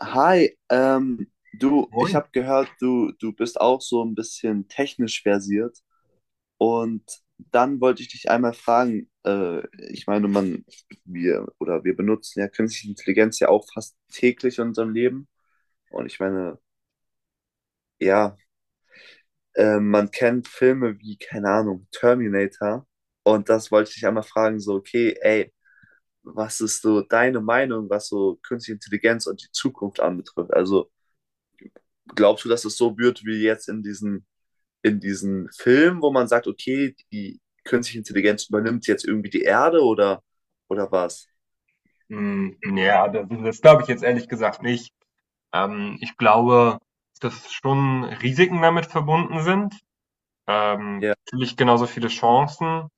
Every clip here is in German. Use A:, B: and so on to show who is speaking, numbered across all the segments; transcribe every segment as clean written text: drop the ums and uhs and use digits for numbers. A: Hi, du, ich
B: Moin.
A: habe gehört, du bist auch so ein bisschen technisch versiert. Und dann wollte ich dich einmal fragen, ich meine, wir benutzen ja künstliche Intelligenz ja auch fast täglich in unserem Leben. Und ich meine, ja, man kennt Filme wie, keine Ahnung, Terminator. Und das wollte ich dich einmal fragen, so, okay, ey, was ist so deine Meinung, was so künstliche Intelligenz und die Zukunft anbetrifft? Also, glaubst du, dass es so wird wie jetzt in diesen Film, wo man sagt, okay, die künstliche Intelligenz übernimmt jetzt irgendwie die Erde oder was?
B: Ja, das glaube ich jetzt ehrlich gesagt nicht. Ich glaube, dass schon Risiken damit verbunden sind.
A: Ja,
B: Natürlich genauso viele Chancen.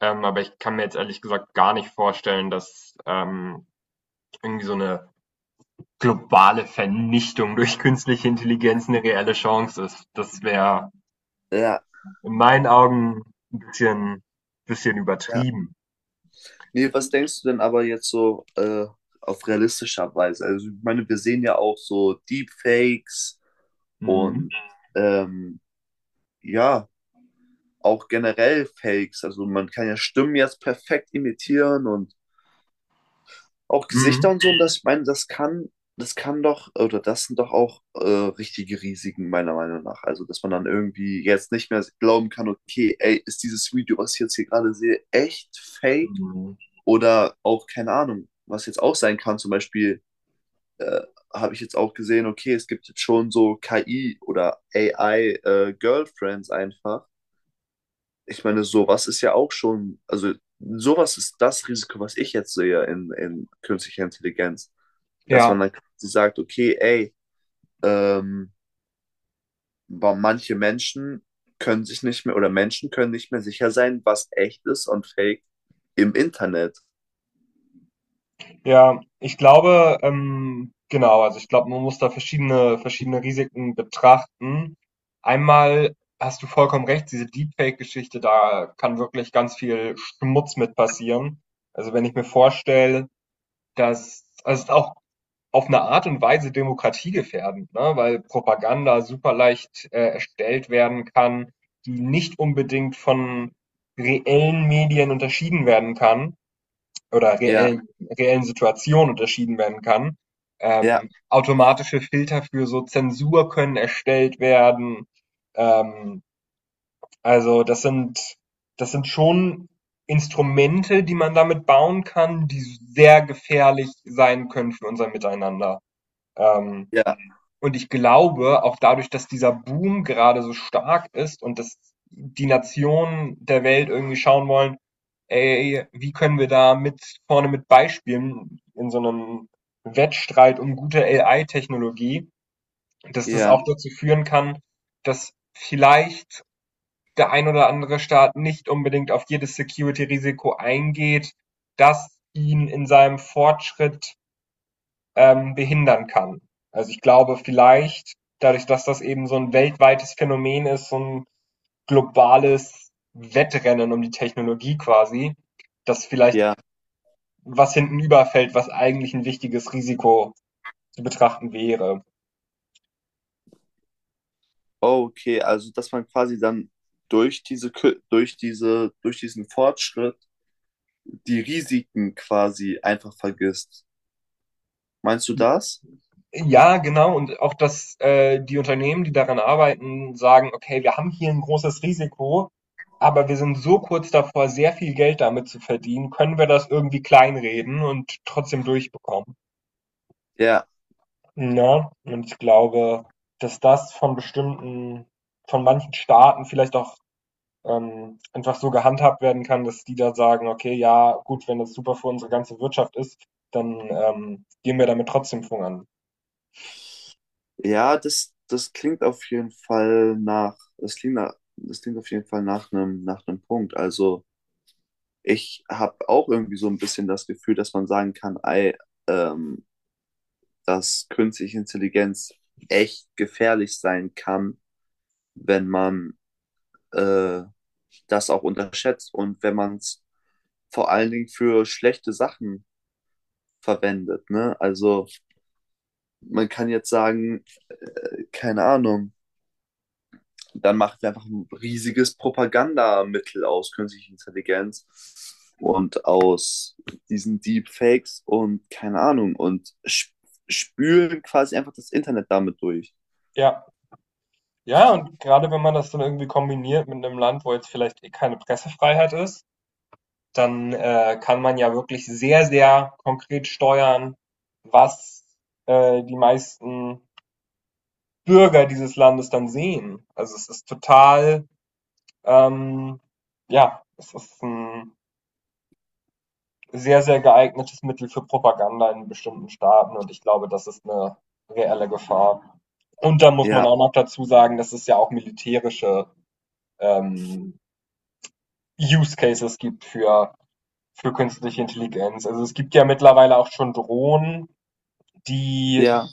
B: Aber ich kann mir jetzt ehrlich gesagt gar nicht vorstellen, dass irgendwie so eine globale Vernichtung durch künstliche Intelligenz eine reelle Chance ist. Das wäre
A: ja,
B: in meinen Augen ein bisschen
A: ja.
B: übertrieben.
A: Nee, was denkst du denn aber jetzt so auf realistischer Weise? Also, ich meine, wir sehen ja auch so Deepfakes
B: Mhm.
A: und ähm, ja, auch generell Fakes. Also, man kann ja Stimmen jetzt perfekt imitieren und auch Gesichter
B: Mhm.
A: und so. Und das, ich meine, das kann doch, oder das sind doch auch richtige Risiken, meiner Meinung nach. Also, dass man dann irgendwie jetzt nicht mehr glauben kann, okay, ey, ist dieses Video, was ich jetzt hier gerade sehe, echt fake?
B: Mhm.
A: Oder auch, keine Ahnung, was jetzt auch sein kann, zum Beispiel, äh, habe ich jetzt auch gesehen, okay, es gibt jetzt schon so KI oder AI-Girlfriends einfach. Ich meine, sowas ist ja auch schon, also sowas ist das Risiko, was ich jetzt sehe in künstlicher Intelligenz, dass
B: Ja.
A: man dann quasi sagt, okay, ey, ähm, boah, manche Menschen können sich nicht mehr oder Menschen können nicht mehr sicher sein, was echt ist und fake im Internet.
B: Ja, ich glaube, genau, also ich glaube, man muss da verschiedene Risiken betrachten. Einmal hast du vollkommen recht, diese Deepfake-Geschichte, da kann wirklich ganz viel Schmutz mit passieren. Also wenn ich mir vorstelle, dass, also es ist auch auf eine Art und Weise demokratiegefährdend, ne? Weil Propaganda super leicht erstellt werden kann, die nicht unbedingt von reellen Medien unterschieden werden kann oder
A: Ja,
B: reellen Situation unterschieden werden kann.
A: ja,
B: Automatische Filter für so Zensur können erstellt werden. Ähm, also das sind schon Instrumente, die man damit bauen kann, die sehr gefährlich sein können für unser Miteinander. Ähm,
A: ja,
B: und ich glaube, auch dadurch, dass dieser Boom gerade so stark ist und dass die Nationen der Welt irgendwie schauen wollen, ey, wie können wir da mit vorne mit beispielen in so einem Wettstreit um gute AI-Technologie, dass das
A: ja,
B: auch dazu führen kann, dass vielleicht der ein oder andere Staat nicht unbedingt auf jedes Security-Risiko eingeht, das ihn in seinem Fortschritt behindern kann. Also ich glaube vielleicht, dadurch, dass das eben so ein weltweites Phänomen ist, so ein globales Wettrennen um die Technologie quasi, dass vielleicht
A: ja.
B: was hinten überfällt, was eigentlich ein wichtiges Risiko zu betrachten wäre.
A: Oh, okay, also dass man quasi dann durch diesen Fortschritt die Risiken quasi einfach vergisst. Meinst du das?
B: Ja, genau. Und auch, dass die Unternehmen, die daran arbeiten, sagen, okay, wir haben hier ein großes Risiko, aber wir sind so kurz davor, sehr viel Geld damit zu verdienen, können wir das irgendwie kleinreden und trotzdem durchbekommen.
A: Ja,
B: Ne? Und ich glaube, dass das von bestimmten von manchen Staaten vielleicht auch, einfach so gehandhabt werden kann, dass die da sagen: „Okay, ja, gut, wenn das super für unsere ganze Wirtschaft ist, dann, gehen wir damit trotzdem voran.“
A: ja, das klingt auf jeden Fall nach einem Punkt. Also, ich habe auch irgendwie so ein bisschen das Gefühl, dass man sagen kann, ey, ähm, dass künstliche Intelligenz echt gefährlich sein kann, wenn man äh, das auch unterschätzt und wenn man es vor allen Dingen für schlechte Sachen verwendet. Ne? Also man kann jetzt sagen, keine Ahnung, dann machen wir einfach ein riesiges Propagandamittel aus künstlicher Intelligenz und aus diesen Deepfakes und keine Ahnung und sp spülen quasi einfach das Internet damit durch.
B: Ja, ja, und gerade wenn man das dann irgendwie kombiniert mit einem Land, wo jetzt vielleicht eh keine Pressefreiheit ist, dann, kann man ja wirklich sehr, sehr konkret steuern, was, die meisten Bürger dieses Landes dann sehen. Also es ist total, ähm, ja, es ist ein sehr, sehr geeignetes Mittel für Propaganda in bestimmten Staaten und ich glaube, das ist eine reelle Gefahr. Und da muss man
A: Ja,
B: auch noch dazu sagen, dass es ja auch militärische ähm, Use Cases gibt für künstliche Intelligenz. Also es gibt ja mittlerweile auch schon Drohnen, die
A: ja,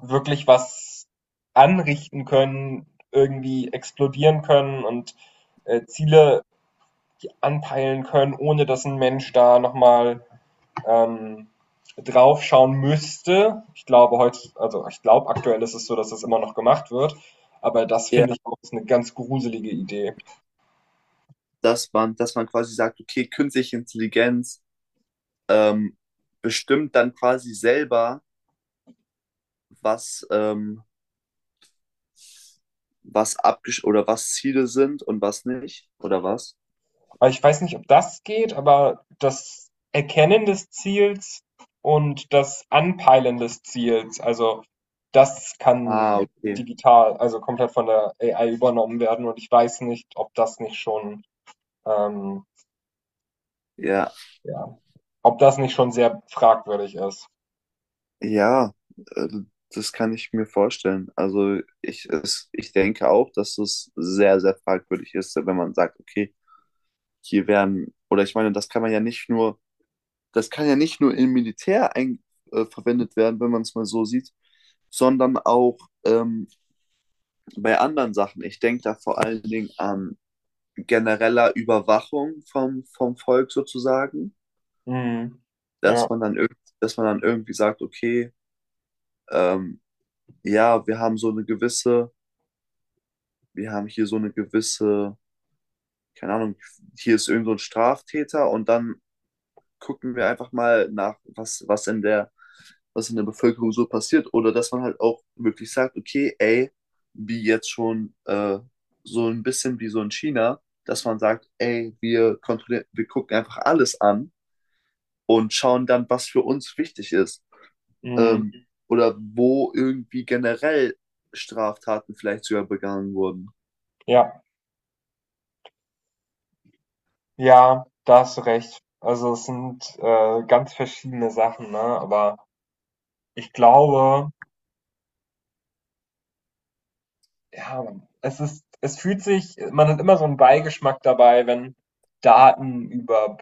B: wirklich was anrichten können, irgendwie explodieren können und Ziele anpeilen können, ohne dass ein Mensch da nochmal ähm, drauf schauen müsste. Ich glaube heute, also ich glaube aktuell ist es so, dass das immer noch gemacht wird, aber das
A: ja,
B: finde ich auch ist eine ganz gruselige Idee.
A: dass man quasi sagt, okay, künstliche Intelligenz, ähm, bestimmt dann quasi selber, was, was abgesch oder was Ziele sind und was nicht, oder was?
B: Aber ich weiß nicht, ob das geht, aber das Erkennen des Ziels und das Anpeilen des Ziels, also das
A: Ah,
B: kann
A: okay.
B: digital, also komplett von der AI übernommen werden. Und ich weiß nicht, ob das nicht schon, ähm,
A: Ja,
B: ja, ob das nicht schon sehr fragwürdig ist.
A: ja, äh, das kann ich mir vorstellen. Also ich denke auch, dass es sehr, sehr fragwürdig ist, wenn man sagt, okay, oder ich meine, das kann ja nicht nur im Militär verwendet werden, wenn man es mal so sieht, sondern auch ähm, bei anderen Sachen. Ich denke da vor allen Dingen an genereller Überwachung vom Volk sozusagen,
B: Mhm. Ja,
A: dass man dann irgendwie sagt, okay, ähm, ja, wir haben hier so eine gewisse, keine Ahnung, hier ist irgend so ein Straftäter und dann gucken wir einfach mal nach, was in der Bevölkerung so passiert. Oder dass man halt auch wirklich sagt, okay, ey, wie jetzt schon so ein bisschen wie so in China, dass man sagt, ey, wir kontrollieren, wir gucken einfach alles an und schauen dann, was für uns wichtig ist.
B: mhm.
A: Ähm, oder wo irgendwie generell Straftaten vielleicht sogar begangen wurden.
B: Ja, ja, da hast du recht. Also es sind ganz verschiedene Sachen, ne? Aber ich glaube, ja, es fühlt sich, man hat immer so einen Beigeschmack dabei, wenn Daten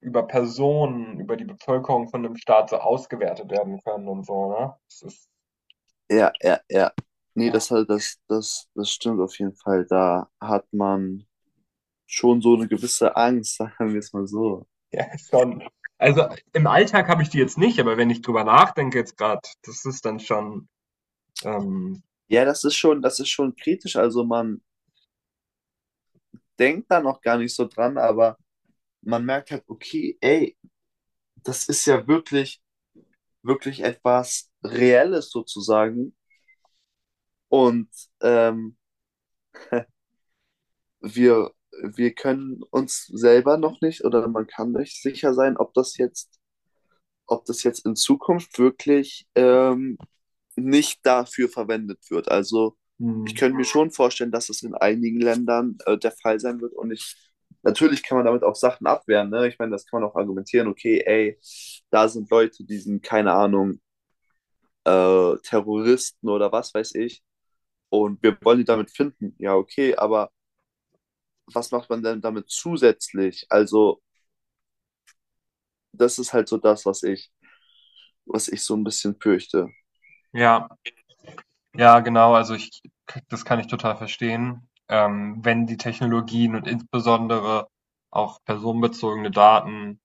B: über Personen, über die Bevölkerung von einem Staat so ausgewertet werden können und so, ne? Das ist
A: Ja, ja, ja. Nee,
B: ah,
A: halt das stimmt auf jeden Fall. Da hat man schon so eine gewisse Angst, sagen wir es mal so.
B: ja, ist schon. Also, im Alltag habe ich die jetzt nicht, aber wenn ich drüber nachdenke jetzt gerade, das ist dann schon, ähm,
A: Ja, das ist schon kritisch. Also man denkt da noch gar nicht so dran, aber man merkt halt, okay, ey, das ist ja wirklich, wirklich etwas Reelles sozusagen. Und ähm, wir, wir können uns selber noch nicht oder man kann nicht sicher sein, ob das jetzt in Zukunft wirklich nicht dafür verwendet wird. Also ich
B: mhm,
A: könnte mir schon vorstellen, dass es in einigen Ländern der Fall sein wird. Natürlich kann man damit auch Sachen abwehren. Ne? Ich meine, das kann man auch argumentieren, okay, ey, da sind Leute, die sind, keine Ahnung, Terroristen oder was weiß ich. Und wir wollen die damit finden. Ja, okay, aber was macht man denn damit zusätzlich? Also, das ist halt so das, was ich so ein bisschen fürchte.
B: ja, ja, genau. Also, ich das kann ich total verstehen. Wenn die Technologien und insbesondere auch personenbezogene Daten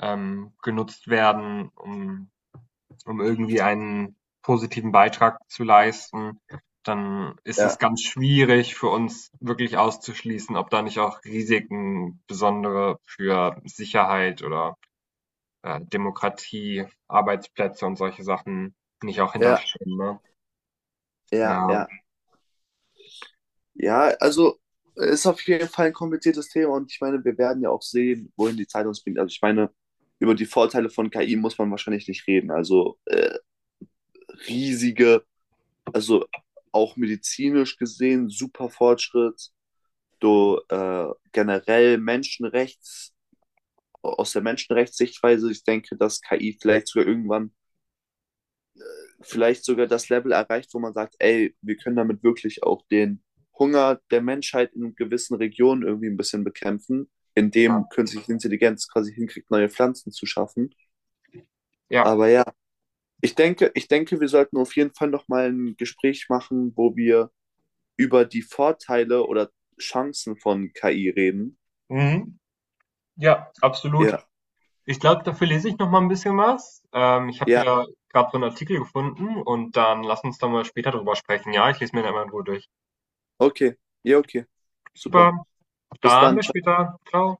B: genutzt werden, um irgendwie einen positiven Beitrag zu leisten, dann ist es
A: Ja.
B: ganz schwierig für uns wirklich auszuschließen, ob da nicht auch Risiken, besondere für Sicherheit oder Demokratie, Arbeitsplätze und solche Sachen nicht auch
A: Ja,
B: hinterstehen, ne?
A: ja,
B: Ja,
A: ja. Ja, also ist auf jeden Fall ein kompliziertes Thema und ich meine, wir werden ja auch sehen, wohin die Zeit uns bringt. Also ich meine, über die Vorteile von KI muss man wahrscheinlich nicht reden. Also riesige, also auch medizinisch gesehen, super Fortschritt. Du generell Menschenrechts, aus der Menschenrechtssichtweise, ich denke, dass KI vielleicht sogar irgendwann vielleicht sogar das Level erreicht, wo man sagt, ey, wir können damit wirklich auch den Hunger der Menschheit in gewissen Regionen irgendwie ein bisschen bekämpfen,
B: ja,
A: indem künstliche Intelligenz quasi hinkriegt, neue Pflanzen zu schaffen.
B: ja.
A: Aber ja, ich denke, wir sollten auf jeden Fall nochmal ein Gespräch machen, wo wir über die Vorteile oder Chancen von KI reden.
B: Mhm. Ja, absolut.
A: Ja,
B: Ich glaube, dafür lese ich noch mal ein bisschen was. Ich habe
A: ja,
B: hier gerade so einen Artikel gefunden und dann lass uns da mal später drüber sprechen, ja? Ich lese mir den einmal in Ruhe durch.
A: okay, ja, okay, super.
B: Super,
A: Bis
B: dann
A: dann,
B: bis
A: ciao.
B: später. Ciao.